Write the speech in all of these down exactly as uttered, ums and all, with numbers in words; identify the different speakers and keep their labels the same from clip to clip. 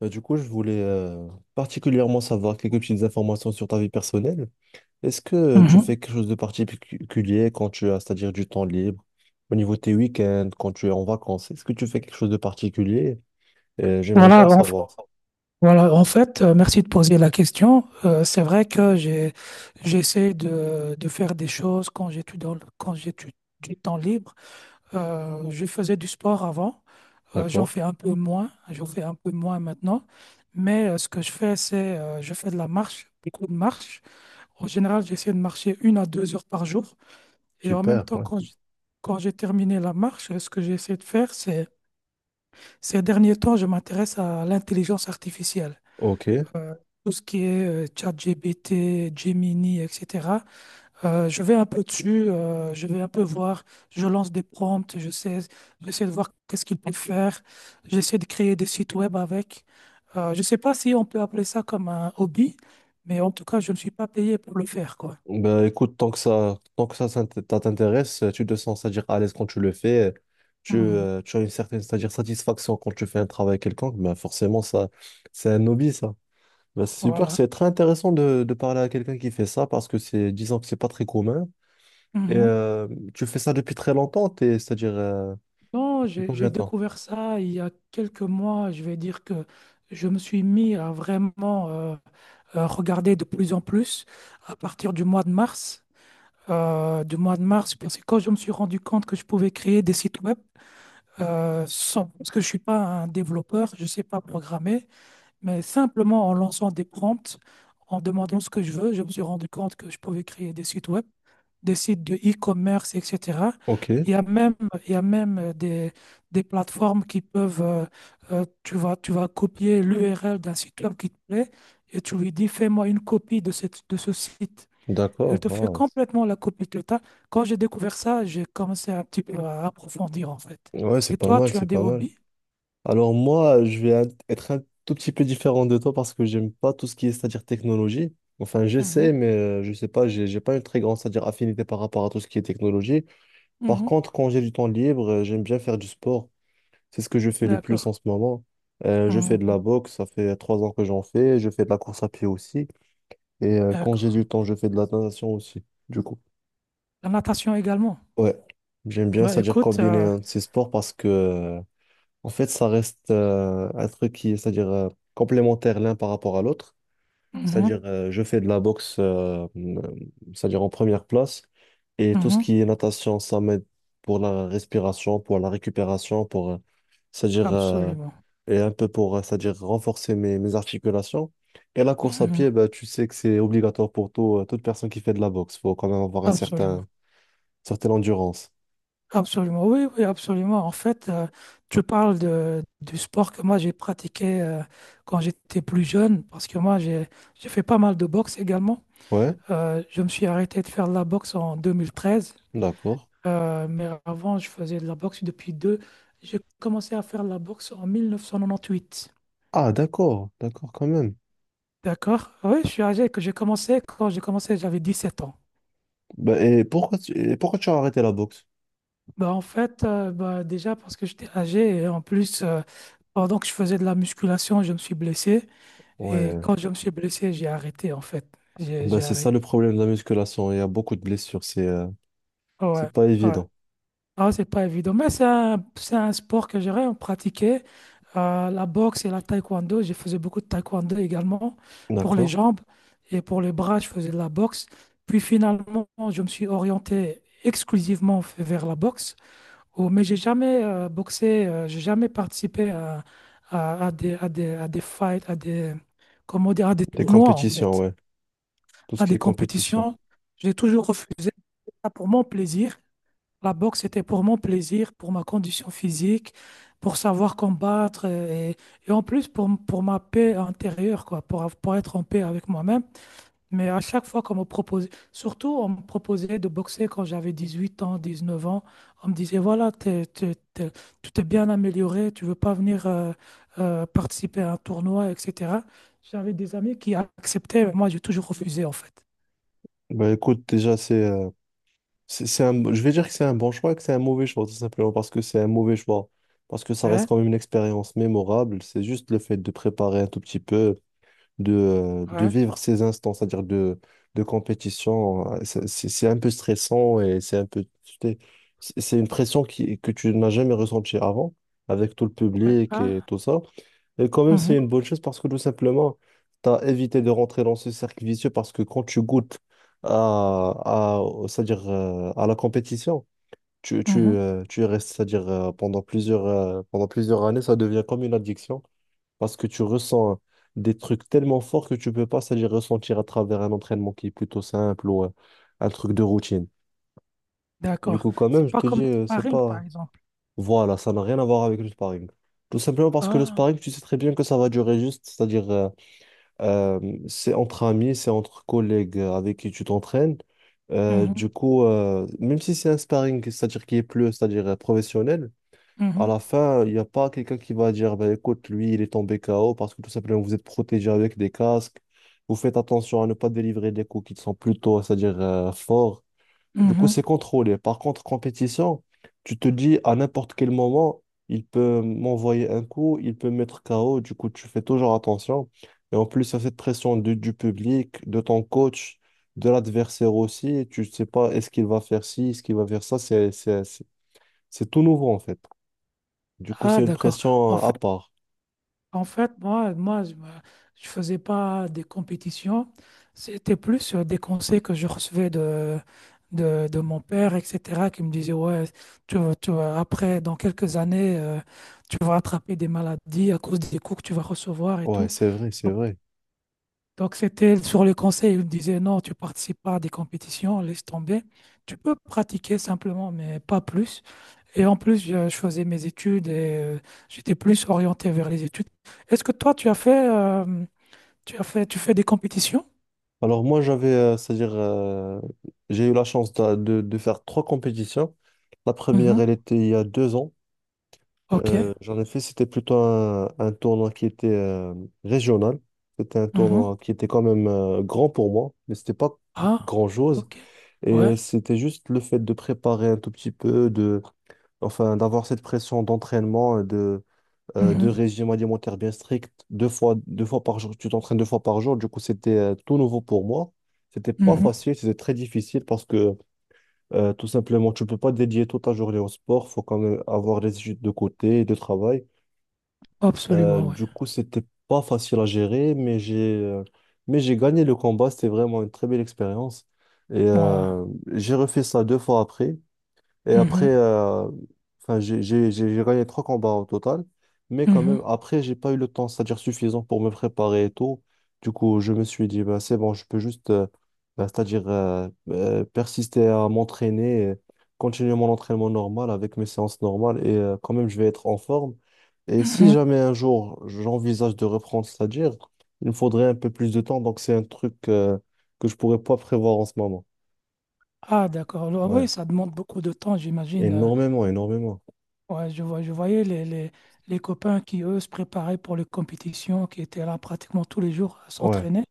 Speaker 1: Bah, du coup, je voulais euh, particulièrement savoir quelques petites informations sur ta vie personnelle. Est-ce que euh, tu
Speaker 2: Mhm.
Speaker 1: fais quelque chose de particulier quand tu as, c'est-à-dire du temps libre, au niveau de tes week-ends, quand tu es en vacances? Est-ce que tu fais quelque chose de particulier? Euh, j'aimerais bien
Speaker 2: Voilà,
Speaker 1: en
Speaker 2: en,
Speaker 1: savoir.
Speaker 2: voilà, en fait, euh, merci de poser la question. Euh, c'est vrai que j'ai, j'essaie de, de faire des choses quand j'étudie dans le- quand j'ai du du temps libre. Euh, je faisais du sport avant. Euh, j'en
Speaker 1: D'accord.
Speaker 2: fais un peu moins, j'en fais un peu moins maintenant. Mais euh, ce que je fais, c'est euh, je fais de la marche, beaucoup de marche. En général, j'essaie de marcher une à deux heures par jour. Et en même
Speaker 1: Super,
Speaker 2: temps,
Speaker 1: ouais.
Speaker 2: quand j- quand j'ai terminé la marche, ce que j'essaie de faire, c'est ces derniers temps, je m'intéresse à l'intelligence artificielle.
Speaker 1: Ok.
Speaker 2: euh, tout ce qui est euh, ChatGPT, Gemini, et cetera. Euh, je vais un peu dessus, euh, je vais un peu voir, je lance des prompts, je sais, j'essaie de voir qu'est-ce qu'il peut faire, j'essaie de créer des sites web avec. Euh, je ne sais pas si on peut appeler ça comme un hobby, mais en tout cas, je ne suis pas payé pour le faire, quoi.
Speaker 1: Bah, écoute, tant que ça, tant que ça s'int- ça t'intéresse, tu, te sens, c'est-à-dire à l'aise quand tu le fais, tu,
Speaker 2: Mhm.
Speaker 1: euh, tu as une certaine, c'est-à-dire satisfaction quand tu fais un travail quelconque, bah, forcément, ça, c'est un hobby, ça. Bah, c'est super,
Speaker 2: Voilà.
Speaker 1: c'est très intéressant de, de parler à quelqu'un qui fait ça parce que c'est, disons que c'est pas très commun. Et
Speaker 2: Mhm.
Speaker 1: euh, tu fais ça depuis très longtemps, t'es- c'est-à-dire euh,
Speaker 2: Non,
Speaker 1: depuis
Speaker 2: j'ai j'ai
Speaker 1: combien de temps?
Speaker 2: découvert ça il y a quelques mois. Je vais dire que je me suis mis à vraiment euh, regarder de plus en plus à partir du mois de mars. Euh, du mois de mars, parce que quand je me suis rendu compte que je pouvais créer des sites web, euh, sans, parce que je ne suis pas un développeur, je ne sais pas programmer, mais simplement en lançant des prompts, en demandant ce que je veux, je me suis rendu compte que je pouvais créer des sites web, des sites de e-commerce, et cetera.
Speaker 1: Ok,
Speaker 2: Il y a même, il y a même euh, des, des plateformes qui peuvent. Euh, euh, tu vas, tu vas copier l'U R L d'un site web qui te plaît et tu lui dis, fais-moi une copie de cette, de ce site. Elle
Speaker 1: d'accord.
Speaker 2: te fait
Speaker 1: Wow.
Speaker 2: complètement la copie de tas. Quand j'ai découvert ça, j'ai commencé un petit peu à approfondir en fait.
Speaker 1: Ouais,
Speaker 2: Et
Speaker 1: c'est pas
Speaker 2: toi,
Speaker 1: mal,
Speaker 2: tu as
Speaker 1: c'est
Speaker 2: des
Speaker 1: pas mal.
Speaker 2: hobbies?
Speaker 1: Alors moi, je vais un- être un tout petit peu différent de toi parce que j'aime pas tout ce qui est, c'est-à-dire technologie. Enfin,
Speaker 2: Mhm,
Speaker 1: j'essaie, mais euh, je sais pas, j'ai j'ai pas une très grande, c'est-à-dire affinité par rapport à tout ce qui est technologie. Par
Speaker 2: mhm,
Speaker 1: contre, quand j'ai du temps libre, euh, j'aime bien faire du sport. C'est ce que je fais le plus
Speaker 2: d'accord.
Speaker 1: en ce moment. Euh, je fais de la
Speaker 2: Mhm,
Speaker 1: boxe, ça fait trois ans que j'en fais. Je fais de la course à pied aussi. Et euh, quand j'ai
Speaker 2: d'accord.
Speaker 1: du temps, je fais de la natation aussi. Du coup,
Speaker 2: La natation également.
Speaker 1: ouais, j'aime bien,
Speaker 2: Bah,
Speaker 1: c'est-à-dire
Speaker 2: écoute,
Speaker 1: combiner
Speaker 2: euh,
Speaker 1: euh, ces sports parce que euh, en fait, ça reste euh, un truc qui est, c'est-à-dire euh, complémentaire l'un par rapport à l'autre. C'est-à-dire,
Speaker 2: mhm,
Speaker 1: euh, je fais de la boxe, euh, euh, c'est-à-dire en première place, et tout ce
Speaker 2: mhm,
Speaker 1: qui est natation, ça m'aide pour la respiration, pour la récupération, pour, euh, c'est-à-dire, euh,
Speaker 2: absolument,
Speaker 1: et un peu pour, euh, c'est-à-dire renforcer mes, mes articulations. Et la course à pied,
Speaker 2: mhm,
Speaker 1: bah, tu sais que c'est obligatoire pour tout, euh, toute personne qui fait de la boxe. Faut quand même avoir un certain,
Speaker 2: absolument,
Speaker 1: certaine endurance.
Speaker 2: absolument. Oui, oui, absolument. En fait, euh, tu parles de, du sport que moi j'ai pratiqué euh, quand j'étais plus jeune, parce que moi j'ai j'ai fait pas mal de boxe également.
Speaker 1: Ouais,
Speaker 2: Euh, je me suis arrêté de faire de la boxe en deux mille treize,
Speaker 1: d'accord.
Speaker 2: euh, mais avant je faisais de la boxe depuis deux. J'ai commencé à faire de la boxe en mille neuf cent quatre-vingt-huit.
Speaker 1: Ah, d'accord, d'accord, quand même.
Speaker 2: D'accord? Oui, je suis âgé que j'ai commencé. Quand j'ai commencé, j'avais dix sept ans.
Speaker 1: Bah, et pourquoi tu, et pourquoi tu as arrêté la boxe?
Speaker 2: Bah en fait, euh, bah déjà parce que j'étais âgé et en plus, euh, pendant que je faisais de la musculation, je me suis blessé. Et
Speaker 1: Ouais.
Speaker 2: quand je me suis blessé, j'ai arrêté en fait. J'ai
Speaker 1: Bah,
Speaker 2: j'ai
Speaker 1: c'est
Speaker 2: arrêté.
Speaker 1: ça le problème de la musculation. Il y a beaucoup de blessures. C'est euh,
Speaker 2: Ouais,
Speaker 1: c'est pas
Speaker 2: ouais.
Speaker 1: évident.
Speaker 2: Ah, c'est pas évident. Mais c'est un, c'est un sport que j'aurais pratiqué. Euh, la boxe et la taekwondo. Je faisais beaucoup de taekwondo également pour les
Speaker 1: D'accord?
Speaker 2: jambes et pour les bras, je faisais de la boxe. Puis finalement, je me suis orienté exclusivement f- vers la boxe. Oh, mais j'ai jamais euh, boxé, euh, j'ai jamais participé à, à, à des, à des, à des fights, à des, comment dire, à des
Speaker 1: Des
Speaker 2: tournois en
Speaker 1: compétitions,
Speaker 2: fait,
Speaker 1: ouais. Tout ce
Speaker 2: à
Speaker 1: qui
Speaker 2: des
Speaker 1: est compétition.
Speaker 2: compétitions. J'ai toujours refusé ça pour mon plaisir. La boxe, c'était pour mon plaisir, pour ma condition physique, pour savoir combattre euh, et, et en plus pour, m- pour ma paix intérieure, quoi, pour, av- pour être en paix avec moi-même. Mais à chaque fois qu'on me proposait, surtout on me proposait de boxer quand j'avais dix huit ans, dix neuf ans, on me disait, voilà, t'es, t'es- t'es- tu t'es bien amélioré, tu veux pas venir euh, euh, participer à un tournoi, et cetera. J'avais des amis qui acceptaient, mais moi j'ai toujours refusé en fait.
Speaker 1: Bah, écoute, déjà, c'est euh, c'est c'est un, je vais dire que c'est un bon choix et que c'est un mauvais choix, tout simplement parce que c'est un mauvais choix. Parce que ça reste
Speaker 2: Ouais,
Speaker 1: quand même une expérience mémorable. C'est juste le fait de préparer un tout petit peu, de, euh, de
Speaker 2: ouais,
Speaker 1: vivre ces instants, c'est-à-dire de, de compétition. euh, C'est c'est- c'est un peu stressant et c'est un peu, tu sais, c'est c'est une pression qui, que tu n'as jamais ressentie avant, avec tout le
Speaker 2: ouais.
Speaker 1: public et
Speaker 2: Ah,
Speaker 1: tout ça. Et quand même, c'est
Speaker 2: mhm,
Speaker 1: une bonne chose parce que tout simplement, tu as évité de rentrer dans ce cercle vicieux parce que quand tu goûtes à, à, au- c'est-à-dire, euh, à la compétition. Tu, tu,
Speaker 2: mhm,
Speaker 1: euh, tu y restes, c'est-à-dire euh, pendant plusieurs, euh, pendant plusieurs années, ça devient comme une addiction parce que tu ressens des trucs tellement forts que tu peux pas c'est-à-dire ressentir à travers un entraînement qui est plutôt simple ou euh, un truc de routine. Du
Speaker 2: d'accord.
Speaker 1: coup, quand même,
Speaker 2: C'est
Speaker 1: je
Speaker 2: pas
Speaker 1: te
Speaker 2: comme
Speaker 1: dis,
Speaker 2: le
Speaker 1: euh, c'est
Speaker 2: sparring par
Speaker 1: pas.
Speaker 2: exemple.
Speaker 1: Voilà, ça n'a rien à voir avec le sparring. Tout simplement parce que le
Speaker 2: Ah,
Speaker 1: sparring, tu sais très bien que ça va durer juste, c'est-à-dire euh, euh, c'est entre amis, c'est entre collègues euh, avec qui tu t'entraînes. Euh, du
Speaker 2: mhm,
Speaker 1: coup, euh, même si c'est un sparring, c'est-à-dire qui est plus, c'est-à-dire euh, professionnel, à la
Speaker 2: mhm,
Speaker 1: fin, il n'y a pas quelqu'un qui va dire, ben, écoute, lui, il est tombé K O parce que tout simplement, vous êtes protégé avec des casques. Vous faites attention à ne pas délivrer des coups qui sont plutôt, c'est-à-dire euh, forts. Du coup, c'est
Speaker 2: mhm.
Speaker 1: contrôlé. Par contre, compétition, tu te dis à n'importe quel moment, il peut m'envoyer un coup, il peut me mettre K O. Du coup, tu fais toujours attention. Et en plus, il y a cette pression du, du public, de ton coach, de l'adversaire aussi. Tu ne sais pas, est-ce qu'il va faire ci, est-ce qu'il va faire ça. C'est, c'est, c'est c'est tout nouveau, en fait. Du coup,
Speaker 2: Ah,
Speaker 1: c'est une
Speaker 2: d'accord.
Speaker 1: pression
Speaker 2: En
Speaker 1: euh, à
Speaker 2: fait,
Speaker 1: part.
Speaker 2: En fait, moi, moi, je me- je faisais pas des compétitions. C'était plus euh, des conseils que je recevais de, de, de mon père, et cetera, qui me disait, ouais, tu, vas- tu vas- après, dans quelques années, euh, tu vas attraper des maladies à cause des coups que tu vas recevoir et
Speaker 1: Ouais,
Speaker 2: tout.
Speaker 1: c'est vrai, c'est
Speaker 2: Donc,
Speaker 1: vrai.
Speaker 2: donc, c'était sur les conseils, il me disait, non, tu participes pas à des compétitions, laisse tomber. Tu peux pratiquer simplement, mais pas plus. Et en plus, je, je faisais mes études et euh, j'étais plus orienté vers les études. Est-ce que toi, tu as fait, euh, tu as fait, tu fais des compétitions?
Speaker 1: Alors moi, j'avais, euh, c'est-à-dire, euh, j'ai eu la chance de, de- de faire trois compétitions. La première, elle
Speaker 2: Mhm.
Speaker 1: était il y a deux ans.
Speaker 2: Ok.
Speaker 1: Euh, j'en ai fait, c'était plutôt un, un, tournoi qui était euh, régional. C'était un
Speaker 2: Mhm.
Speaker 1: tournoi qui était quand même euh, grand pour moi, mais c'était pas
Speaker 2: Ah,
Speaker 1: grand-chose.
Speaker 2: ok.
Speaker 1: Et
Speaker 2: Ouais.
Speaker 1: c'était juste le fait de préparer un tout petit peu, de, enfin, d'avoir cette pression d'entraînement, et de euh, de
Speaker 2: Mhm.
Speaker 1: régime alimentaire bien strict, deux fois, deux fois par jour, tu t'entraînes deux fois par jour. Du coup, c'était euh, tout nouveau pour moi. C'était pas
Speaker 2: Mhm.
Speaker 1: facile, c'était très difficile parce que euh, tout simplement, tu peux pas dédier toute ta journée au sport. Faut quand même avoir les études de côté et de travail. Euh,
Speaker 2: Absolument, oui.
Speaker 1: du coup, c'était pas facile à gérer, mais j'ai euh, mais j'ai gagné le combat. C'était vraiment une très belle expérience. Et
Speaker 2: Moi.
Speaker 1: euh, j'ai refait ça deux fois après. Et après,
Speaker 2: Mhm.
Speaker 1: euh, enfin, j'ai j'ai- j'ai- j'ai gagné trois combats au total. Mais quand
Speaker 2: Mhm.
Speaker 1: même, après, j'ai pas eu le temps, c'est-à-dire suffisant pour me préparer et tout. Du coup, je me suis dit, bah, c'est bon, je peux juste, euh, bah, c'est-à-dire euh, euh, persister à m'entraîner, et continuer mon entraînement normal avec mes séances normales et euh, quand même, je vais être en forme. Et si
Speaker 2: Mhm.
Speaker 1: jamais un jour, j'envisage de reprendre, c'est-à-dire, il me faudrait un peu plus de temps. Donc, c'est un truc euh, que je pourrais pas prévoir en ce moment.
Speaker 2: Ah, d'accord. Ah oui,
Speaker 1: Ouais,
Speaker 2: ça demande beaucoup de temps, j'imagine. Euh,
Speaker 1: énormément, énormément.
Speaker 2: Ouais, je vois, je voyais les, les, les copains qui, eux, se préparaient pour les compétitions, qui étaient là pratiquement tous les jours à
Speaker 1: Ouais.
Speaker 2: s'entraîner.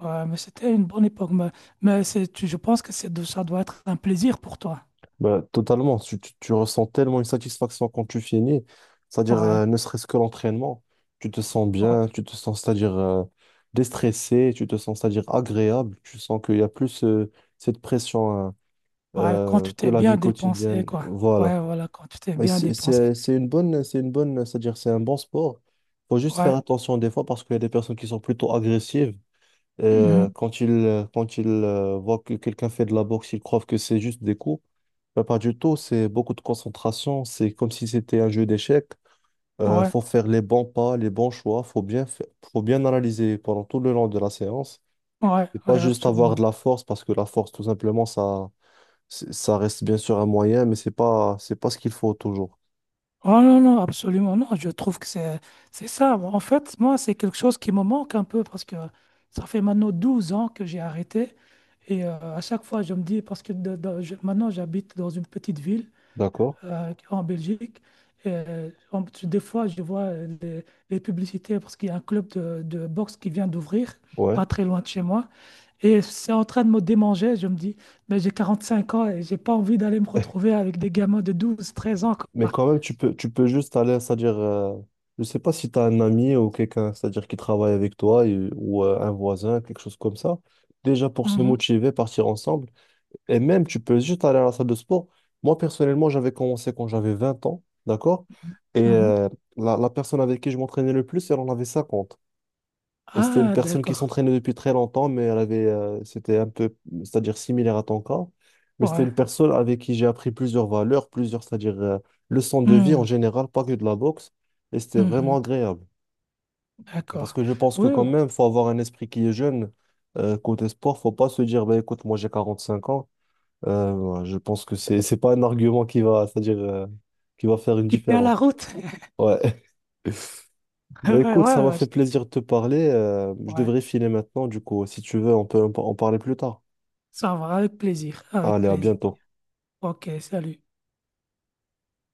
Speaker 2: Ouais, mais c'était une bonne époque. Mais, mais c'est, tu- je pense que c'est, de- ça doit être un plaisir pour toi.
Speaker 1: Bah, totalement, tu, tu, tu ressens tellement une satisfaction quand tu finis, c'est-à-dire
Speaker 2: Ouais,
Speaker 1: euh, ne serait-ce que l'entraînement, tu te sens
Speaker 2: ouais,
Speaker 1: bien, tu te sens, c'est-à-dire euh, déstressé, tu te sens, c'est-à-dire agréable, tu sens qu'il y a plus euh, cette pression hein,
Speaker 2: ouais, quand
Speaker 1: euh,
Speaker 2: tu
Speaker 1: que
Speaker 2: t'es
Speaker 1: la
Speaker 2: bien
Speaker 1: vie
Speaker 2: dépensé,
Speaker 1: quotidienne,
Speaker 2: quoi.
Speaker 1: voilà.
Speaker 2: Ouais, voilà, quand tu t'es
Speaker 1: Et
Speaker 2: bien
Speaker 1: C'est
Speaker 2: dépensé.
Speaker 1: c'est- c'est une bonne, c'est une bonne, c'est-à-dire c'est un bon sport, faut juste faire
Speaker 2: Ouais,
Speaker 1: attention des fois parce qu'il y a des personnes qui sont plutôt agressives
Speaker 2: mhm,
Speaker 1: euh, quand ils, quand ils euh, voient que quelqu'un fait de la boxe, ils croient que c'est juste des coups. Mais pas du tout, c'est beaucoup de concentration. C'est comme si c'était un jeu d'échecs. Euh,
Speaker 2: ouais,
Speaker 1: faut faire les bons pas, les bons choix. Faut bien fa- faut bien analyser pendant tout le long de la séance.
Speaker 2: ouais,
Speaker 1: Et pas
Speaker 2: ouais,
Speaker 1: juste avoir de
Speaker 2: absolument.
Speaker 1: la force, parce que la force, tout simplement, ça, c'est- ça reste bien sûr un moyen, mais c'est pas, c'est pas ce qu'il faut toujours.
Speaker 2: Oh non, non, absolument. Non, je trouve que c'est, c'est ça. Bon, en fait, moi, c'est quelque chose qui me manque un peu parce que ça fait maintenant douze ans que j'ai arrêté. Et euh, à chaque fois, je me dis, parce que de- de- je- maintenant, j'habite dans une petite ville,
Speaker 1: D'accord?
Speaker 2: euh, en Belgique. Euh, on- tu- des fois, je vois euh, les, les publicités parce qu'il y a un club de, de boxe qui vient d'ouvrir,
Speaker 1: Ouais.
Speaker 2: pas très loin de chez moi. Et c'est en train de me démanger. Je me dis, mais j'ai quarante-cinq ans et j'ai pas envie d'aller me retrouver avec des gamins de douze, treize ans,
Speaker 1: Mais
Speaker 2: quoi.
Speaker 1: quand même, tu peux, tu peux juste aller, c'est-à-dire, euh, je sais pas si tu as un ami ou quelqu'un, c'est-à-dire qui travaille avec toi et- ou euh, un voisin, quelque chose comme ça. Déjà pour se
Speaker 2: Mhm,
Speaker 1: motiver, partir ensemble. Et même, tu peux juste aller à la salle de sport. Moi, personnellement, j'avais commencé quand j'avais vingt ans, d'accord? Et
Speaker 2: mhm.
Speaker 1: euh, la, la personne avec qui je m'entraînais le plus, elle en avait cinquante et c'était une
Speaker 2: Ah,
Speaker 1: personne qui
Speaker 2: d'accord.
Speaker 1: s'entraînait depuis très longtemps, mais elle avait, euh, c'était un peu, c'est-à-dire similaire à ton cas. Mais c'était
Speaker 2: Ouais.
Speaker 1: une personne avec qui j'ai appris plusieurs valeurs, plusieurs, c'est-à-dire euh, leçons de vie en
Speaker 2: Mhm,
Speaker 1: général, pas que de la boxe. Et c'était
Speaker 2: mhm.
Speaker 1: vraiment agréable. Parce
Speaker 2: D'accord.
Speaker 1: que je pense que
Speaker 2: Oui,
Speaker 1: quand
Speaker 2: oui.
Speaker 1: même, faut avoir un esprit qui est jeune. Euh, côté sport, faut pas se dire, bah, écoute, moi j'ai quarante-cinq ans. Euh, ouais, je pense que c'est, c'est, pas un argument qui va, c'est-à-dire, euh, qui va faire une
Speaker 2: Tu tiens
Speaker 1: différence.
Speaker 2: la route.
Speaker 1: Ouais. Bah
Speaker 2: Ouais, ouais,
Speaker 1: écoute, ça m'a
Speaker 2: ouais.
Speaker 1: fait
Speaker 2: Je-
Speaker 1: plaisir de te parler. Euh, je
Speaker 2: ouais.
Speaker 1: devrais filer maintenant, du coup. Si tu veux, on peut en par- en parler plus tard.
Speaker 2: Ça va, avec plaisir. Avec
Speaker 1: Allez, à
Speaker 2: plaisir.
Speaker 1: bientôt.
Speaker 2: Ok, salut.